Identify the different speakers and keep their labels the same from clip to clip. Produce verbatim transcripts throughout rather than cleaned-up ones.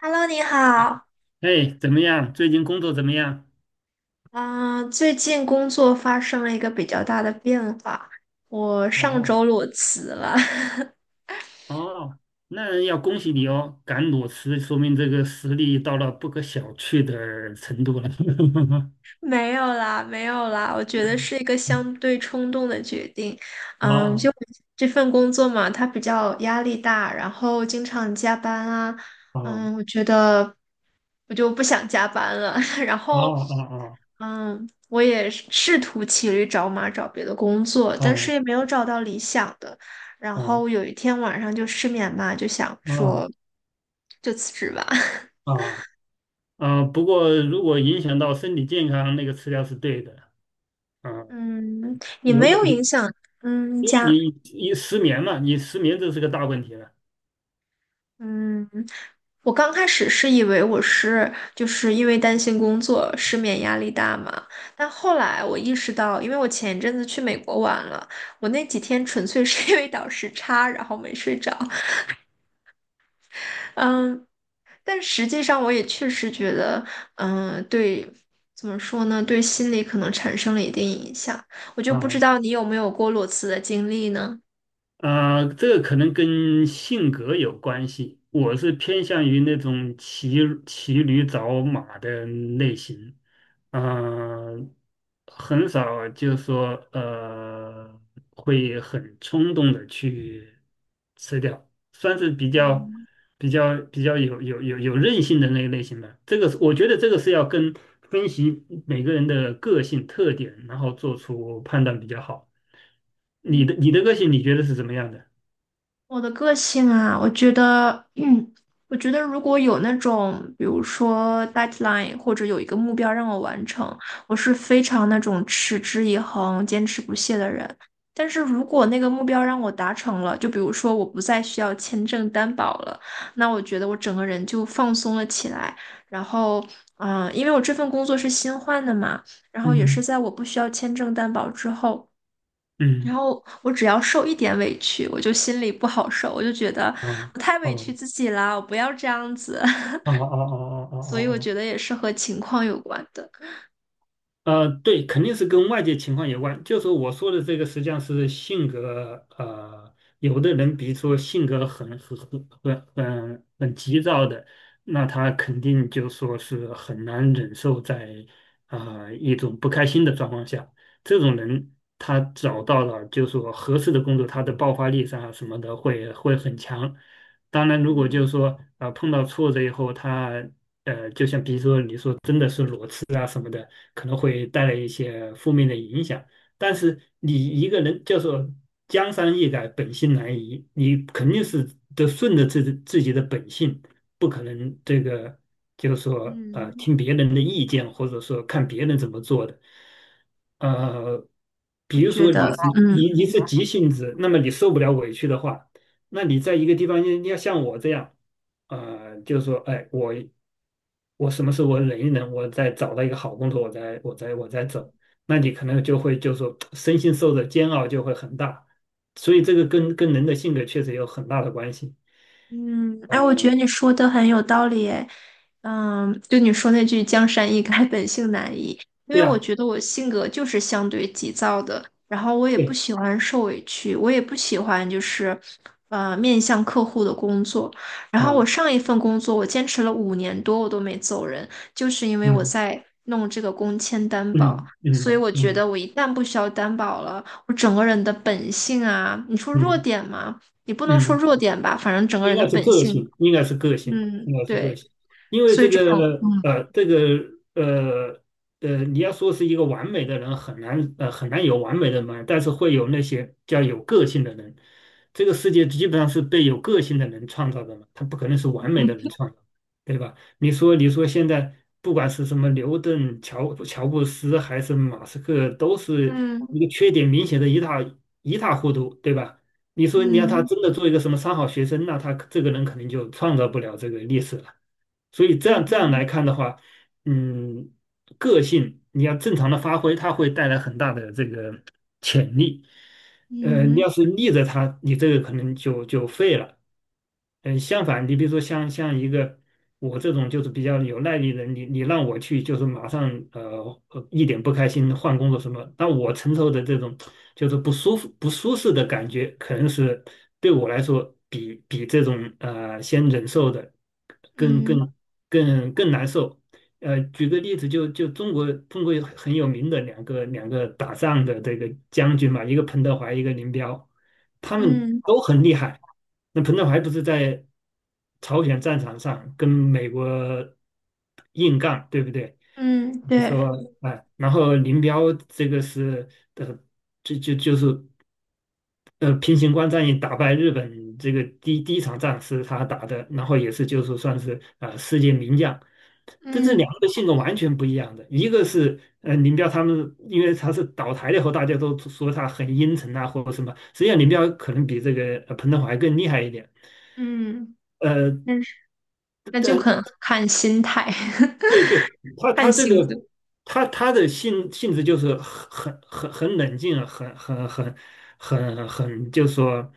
Speaker 1: Hello，你好。
Speaker 2: 哎，怎么样？最近工作怎么样？
Speaker 1: 嗯，最近工作发生了一个比较大的变化，我上周
Speaker 2: 哦，
Speaker 1: 裸辞了。
Speaker 2: 哦，那要恭喜你哦，敢裸辞，说明这个实力到了不可小觑的程度了。
Speaker 1: 没有啦，没有啦，我觉得是一个相对冲动的决定。嗯，
Speaker 2: 哦
Speaker 1: 就这份工作嘛，它比较压力大，然后经常加班啊。
Speaker 2: 哦
Speaker 1: 嗯，我觉得我就不想加班了。然
Speaker 2: 哦
Speaker 1: 后，
Speaker 2: 哦
Speaker 1: 嗯，我也是试图骑驴找马找别的工作，但是也
Speaker 2: 哦
Speaker 1: 没有找到理想的。然
Speaker 2: 哦
Speaker 1: 后有一天晚上就失眠嘛，就想
Speaker 2: 哦
Speaker 1: 说就辞职吧。
Speaker 2: 哦。啊！不过如果影响到身体健康，那个吃药是对的。啊，
Speaker 1: 嗯，也
Speaker 2: 有
Speaker 1: 没
Speaker 2: 的
Speaker 1: 有影
Speaker 2: 你，
Speaker 1: 响，嗯，
Speaker 2: 因为
Speaker 1: 加
Speaker 2: 你你失眠嘛，你失眠这是个大问题了。
Speaker 1: 嗯，我刚开始是以为我是就是因为担心工作失眠压力大嘛，但后来我意识到，因为我前一阵子去美国玩了，我那几天纯粹是因为倒时差，然后没睡着。嗯，但实际上我也确实觉得，嗯，对，怎么说呢，对心理可能产生了一定影响。我就不知
Speaker 2: 啊。
Speaker 1: 道你有没有过裸辞的经历呢？
Speaker 2: 啊、呃这个可能跟性格有关系。我是偏向于那种骑骑驴找马的类型，啊、很少就说呃会很冲动的去吃掉，算是比较比较比较有有有有韧性的那个类型吧。这个是我觉得这个是要跟分析每个人的个性特点，然后做出判断比较好。你
Speaker 1: 嗯
Speaker 2: 的你的个性你觉得是怎么样的？
Speaker 1: 我的个性啊，我觉得，嗯，我觉得如果有那种，比如说 deadline 或者有一个目标让我完成，我是非常那种持之以恒、坚持不懈的人。但是如果那个目标让我达成了，就比如说我不再需要签证担保了，那我觉得我整个人就放松了起来。然后，嗯、因为我这份工作是新换的嘛，然后也是
Speaker 2: 嗯
Speaker 1: 在我不需要签证担保之后。然
Speaker 2: 嗯。
Speaker 1: 后我只要受一点委屈，我就心里不好受，我就觉得
Speaker 2: 哦
Speaker 1: 我太委屈
Speaker 2: 哦
Speaker 1: 自己啦，我不要这样子。
Speaker 2: 哦哦哦哦哦
Speaker 1: 所以我
Speaker 2: 哦。
Speaker 1: 觉得也是和情况有关的。
Speaker 2: 呃，对，肯定是跟外界情况有关。就说我说的这个，实际上是性格，呃，有的人比如说性格很很很很很急躁的，那他肯定就说是很难忍受在啊、一种不开心的状况下，这种人他找到了就说合适的工作，他的爆发力上啊什么的会会很强。当然，如果就是说啊、碰到挫折以后，他呃，就像比如说你说。可能会带来一些负面的影响。但是你一个人叫说江山易改，本性难移，你肯定是得顺着自己自己的本性，不可能这个就是说呃
Speaker 1: 嗯，
Speaker 2: 听别人的意见，或者说看别人怎么做的。呃，
Speaker 1: 我
Speaker 2: 比如
Speaker 1: 觉
Speaker 2: 说
Speaker 1: 得，
Speaker 2: 你是
Speaker 1: 嗯。
Speaker 2: 你你是急性子，那么你受不了委屈的话，那你在一个地方你你要像我这样，呃，就是说，哎，我我什么时候我忍一忍，我再找到一个好工作，我再我再我再走。那你可能就会就说身心受的煎熬就会很大，所以这个跟跟人的性格确实有很大的关系。
Speaker 1: 嗯，哎，我
Speaker 2: 呃，
Speaker 1: 觉得你说的很有道理，哎，嗯，就你说那句"江山易改，本性难移"，因为
Speaker 2: 对
Speaker 1: 我
Speaker 2: 啊，
Speaker 1: 觉得我性格就是相对急躁的，然后我也不
Speaker 2: 对
Speaker 1: 喜欢受委屈，我也不喜欢就是，呃，面向客户的工作。然后
Speaker 2: 啊，
Speaker 1: 我上一份工作我坚持了五年多，我都没走人，就是因为我
Speaker 2: 嗯
Speaker 1: 在弄这个工签担保，
Speaker 2: 嗯
Speaker 1: 所以
Speaker 2: 嗯
Speaker 1: 我觉得
Speaker 2: 嗯
Speaker 1: 我一旦不需要担保了，我整个人的本性啊，你说弱
Speaker 2: 嗯
Speaker 1: 点吗？也不能
Speaker 2: 嗯
Speaker 1: 说
Speaker 2: 嗯。
Speaker 1: 弱点吧，反正整个人
Speaker 2: 应
Speaker 1: 的
Speaker 2: 该是
Speaker 1: 本
Speaker 2: 个
Speaker 1: 性，
Speaker 2: 性，应该是个性，
Speaker 1: 嗯，
Speaker 2: 应该是个
Speaker 1: 对，
Speaker 2: 性，因为
Speaker 1: 这
Speaker 2: 这
Speaker 1: 很，
Speaker 2: 个呃，这个呃呃，你要说是一个完美的人，很难呃很难有完美的人，但是会有那些叫有个性的人。这个世界基本上是被有个性的人创造的嘛，他不可能是完美的人创造，对吧？你说你说现在不管是什么牛顿、乔乔布斯还是马斯克，都是
Speaker 1: 嗯
Speaker 2: 一个缺点明显的一塌一塌糊涂，对吧？你说你让他
Speaker 1: 嗯
Speaker 2: 真的做一个什么三好学生，那他这个人肯定就创造不了这个历史了。所以这样这样
Speaker 1: 嗯
Speaker 2: 来看的话，嗯，个性你要正常的发挥，它会带来很大的这个潜力。呃，你
Speaker 1: 嗯
Speaker 2: 要是逆着他，你这个可能就就废了。嗯，相反，你比如说像像一个我这种就是比较有耐力的人，你你让我去就是马上呃呃一点不开心换工作什么，那我承受的这种就是不舒服不舒适的感觉，可能是对我来说比比这种呃先忍受的更
Speaker 1: 嗯
Speaker 2: 更更更难受。呃，举个例子，就就中国中国有很有名的两个两个打仗的这个将军嘛，一个彭德怀，一个林彪。他们
Speaker 1: 嗯嗯
Speaker 2: 都很厉害。那彭德怀不是在朝鲜战场上跟美国硬杠，对不对？
Speaker 1: 嗯，对，
Speaker 2: 说哎，然后林彪这个是呃，就就就是。呃，平型关战役打败日本这个第第一场仗是他打的，然后也是就是算是啊、呃世界名将，但这两
Speaker 1: 嗯
Speaker 2: 个性格完全不一样的，一个是呃林彪他们，因为他是倒台了以后，大家都说他很阴沉啊或者什么，实际上林彪可能比这个呃彭德怀更厉害一点，
Speaker 1: 嗯，
Speaker 2: 呃，
Speaker 1: 那是那就
Speaker 2: 但
Speaker 1: 很看心态，
Speaker 2: 对对，他他
Speaker 1: 看
Speaker 2: 这个
Speaker 1: 性格，
Speaker 2: 他他的性性质就是很很很冷静啊，很很很很很，就是说，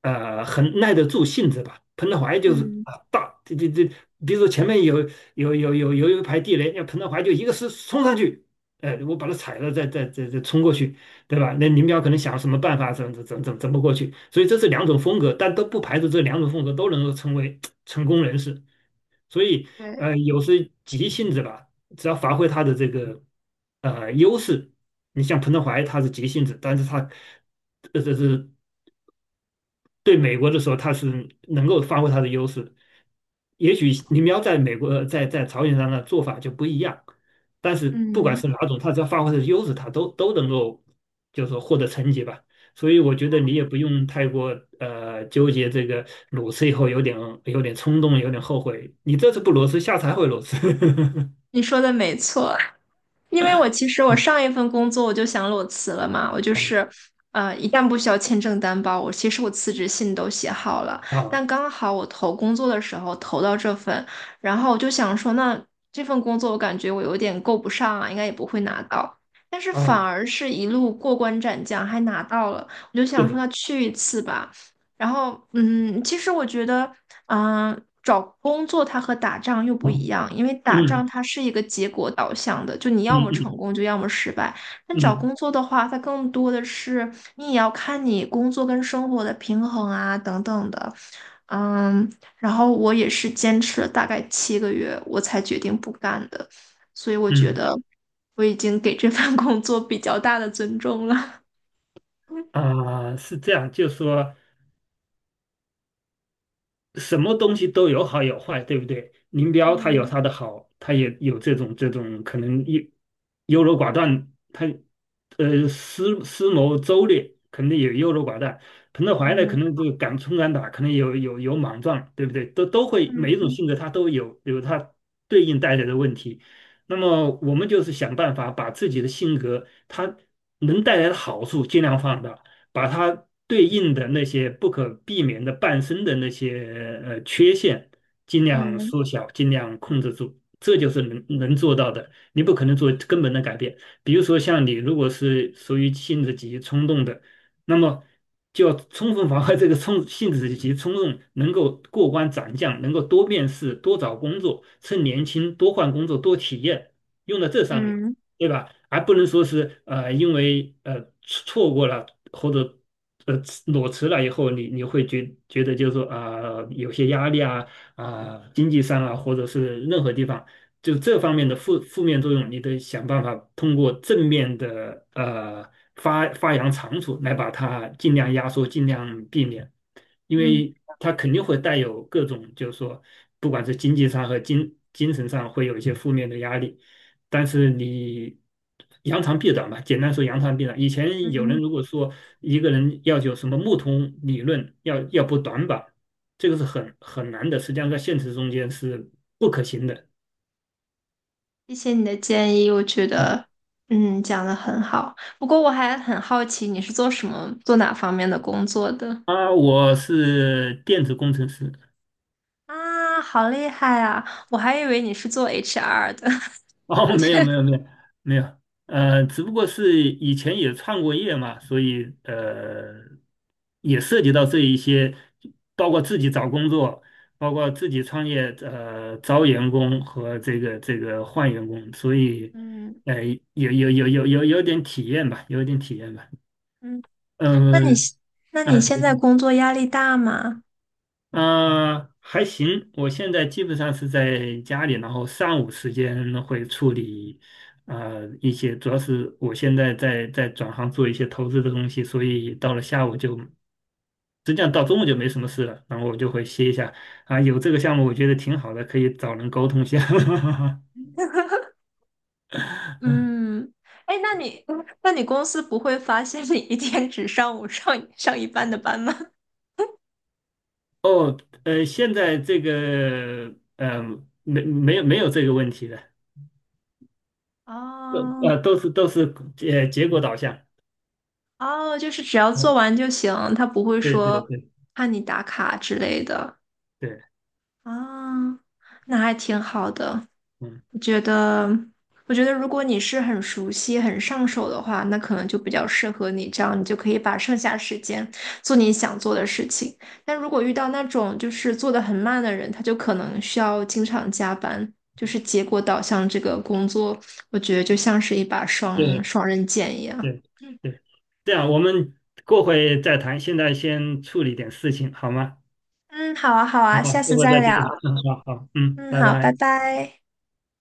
Speaker 2: 呃，很耐得住性子吧。彭德怀就是
Speaker 1: 嗯，
Speaker 2: 啊，大这这这，比如说前面有有有有有一排地雷，那彭德怀就一个是冲上去，呃，我把它踩了，再再再再冲过去，对吧？那林彪可能想什么办法，怎怎怎怎怎么过去？所以这是两种风格，但都不排除这两种风格都能够成为成功人士。所以
Speaker 1: 对，
Speaker 2: 呃，有时急性子吧，只要发挥他的这个呃优势，你像彭德怀他是急性子，但是他这这是对美国的时候，他是能够发挥他的优势。也许林彪在美国在在朝鲜上的做法就不一样，但是不管
Speaker 1: 嗯，
Speaker 2: 是哪种，他只要发挥他的优势，他都都能够就是说获得成绩吧。所以我觉得你也不用太过呃纠结这个裸辞以后有点有点冲动，有点后悔。你这次不裸辞，下次还会裸辞。
Speaker 1: 你说的没错。因为我其实我上 一份工作我就想裸辞了嘛，我就是，呃，一旦不需要签证担保，我其实我辞职信都写好了，
Speaker 2: 啊
Speaker 1: 但刚好我投工作的时候投到这份，然后我就想说，那这份工作我感觉我有点够不上啊，应该也不会拿到，但是反
Speaker 2: 啊，
Speaker 1: 而是一路过关斩将还拿到了，我就想说
Speaker 2: 对，
Speaker 1: 那去一次吧，然后嗯，其实我觉得。嗯，找工作它和打仗又不一
Speaker 2: 嗯
Speaker 1: 样，因为打
Speaker 2: 嗯
Speaker 1: 仗它是一个结果导向的，就你要
Speaker 2: 嗯
Speaker 1: 么成
Speaker 2: 嗯
Speaker 1: 功，就要么失败。但找
Speaker 2: 嗯
Speaker 1: 工作的话，它更多的是你也要看你工作跟生活的平衡啊，等等的。嗯，然后我也是坚持了大概七个月，我才决定不干的，所以我觉
Speaker 2: 嗯
Speaker 1: 得我已经给这份 工作比较大的尊重了。
Speaker 2: 啊，是这样，就说。什么东西都有好有坏，对不对？林彪他有
Speaker 1: 嗯
Speaker 2: 他的好，他也有这种这种可能优优柔寡断，他呃思思谋周略，肯定也优柔寡断。彭德怀呢，可
Speaker 1: 嗯
Speaker 2: 能就敢冲敢打，可能有有有莽撞，对不对？都都会每一种
Speaker 1: 嗯
Speaker 2: 性格他都有有他对应带来的问题。那么我们就是想办法把自己的性格他能带来的好处尽量放大。把它对应的那些不可避免的伴生的那些呃缺陷，尽量
Speaker 1: 嗯
Speaker 2: 缩小，尽量控制住，这就是能能做到的。你不可能做根本的改变，比如说像你如果是属于性子急冲动的，那么就要充分防范这个冲性子急冲动能够过关斩将，能够多面试、多找工作，趁年轻多换工作、多体验，用在这上面。
Speaker 1: 嗯
Speaker 2: 对吧？还不能说是呃，因为呃错过了或者呃裸辞了以后，你你会觉觉得就是说啊、有些压力啊啊、经济上啊，或者是任何地方，就这方面的负负面作用，你得想办法通过正面的呃发发扬长处来把它尽量压缩，尽量避免，因
Speaker 1: 嗯
Speaker 2: 为
Speaker 1: 嗯
Speaker 2: 它肯定会带有各种就是说，不管是经济上和精精神上会有一些负面的压力。但是你扬长避短吧，简单说扬长避短。以前有人
Speaker 1: 嗯。
Speaker 2: 如果说一个人要有什么木桶理论，要要补短板，这个是很很难的，实际上在现实中间是不可行的。
Speaker 1: 谢谢你的建议，我觉
Speaker 2: 嗯。
Speaker 1: 得，嗯，讲的很好。不过我还很好奇，你是做什么、做哪方面的工作的？
Speaker 2: 啊，我是电子工程师。
Speaker 1: 啊，好厉害啊！我还以为你是做 H R 的。
Speaker 2: 哦，没有没有没有没有，呃，只不过是以前也创过业嘛，所以呃，也涉及到这一些，包括自己找工作，包括自己创业，呃，招员工和这个这个换员工，所以
Speaker 1: 嗯
Speaker 2: 呃，有有有有有有点体验吧，有点体验吧，
Speaker 1: 嗯，那你
Speaker 2: 嗯
Speaker 1: 现那你现
Speaker 2: 嗯、
Speaker 1: 在工作压力大吗？
Speaker 2: 嗯，还行，我现在基本上是在家里，然后上午时间会处理，呃，一些主要是我现在在在转行做一些投资的东西，所以到了下午就，实际上到中午就没什么事了，然后我就会歇一下，啊，有这个项目我觉得挺好的，可以找人沟通一下。
Speaker 1: 嗯，哎，那你那你公司不会发现你一天只上午上上一半的班吗？
Speaker 2: 呃，现在这个，呃，没没有没有这个问题的，
Speaker 1: 哦
Speaker 2: 呃，都是都是呃结果导向，
Speaker 1: 哦，就是只要做
Speaker 2: 嗯，
Speaker 1: 完就行，他不会
Speaker 2: 对对
Speaker 1: 说
Speaker 2: 对
Speaker 1: 怕你打卡之类的。
Speaker 2: 对，
Speaker 1: 啊，那还挺好的。
Speaker 2: 嗯。
Speaker 1: 我觉得，我觉得如果你是很熟悉、很上手的话，那可能就比较适合你，这样你就可以把剩下时间做你想做的事情。但如果遇到那种就是做的很慢的人，他就可能需要经常加班，就是结果导向这个工作，我觉得就像是一把双
Speaker 2: 对
Speaker 1: 双刃剑一样。
Speaker 2: 对
Speaker 1: 嗯，
Speaker 2: 对，这样我们过会再谈，现在先处理点事情好吗？
Speaker 1: 嗯，好啊，好啊，
Speaker 2: 好
Speaker 1: 下
Speaker 2: 过
Speaker 1: 次
Speaker 2: 会
Speaker 1: 再
Speaker 2: 再见。
Speaker 1: 聊。
Speaker 2: 嗯，好好，嗯，
Speaker 1: 嗯，
Speaker 2: 拜
Speaker 1: 好，拜
Speaker 2: 拜。
Speaker 1: 拜。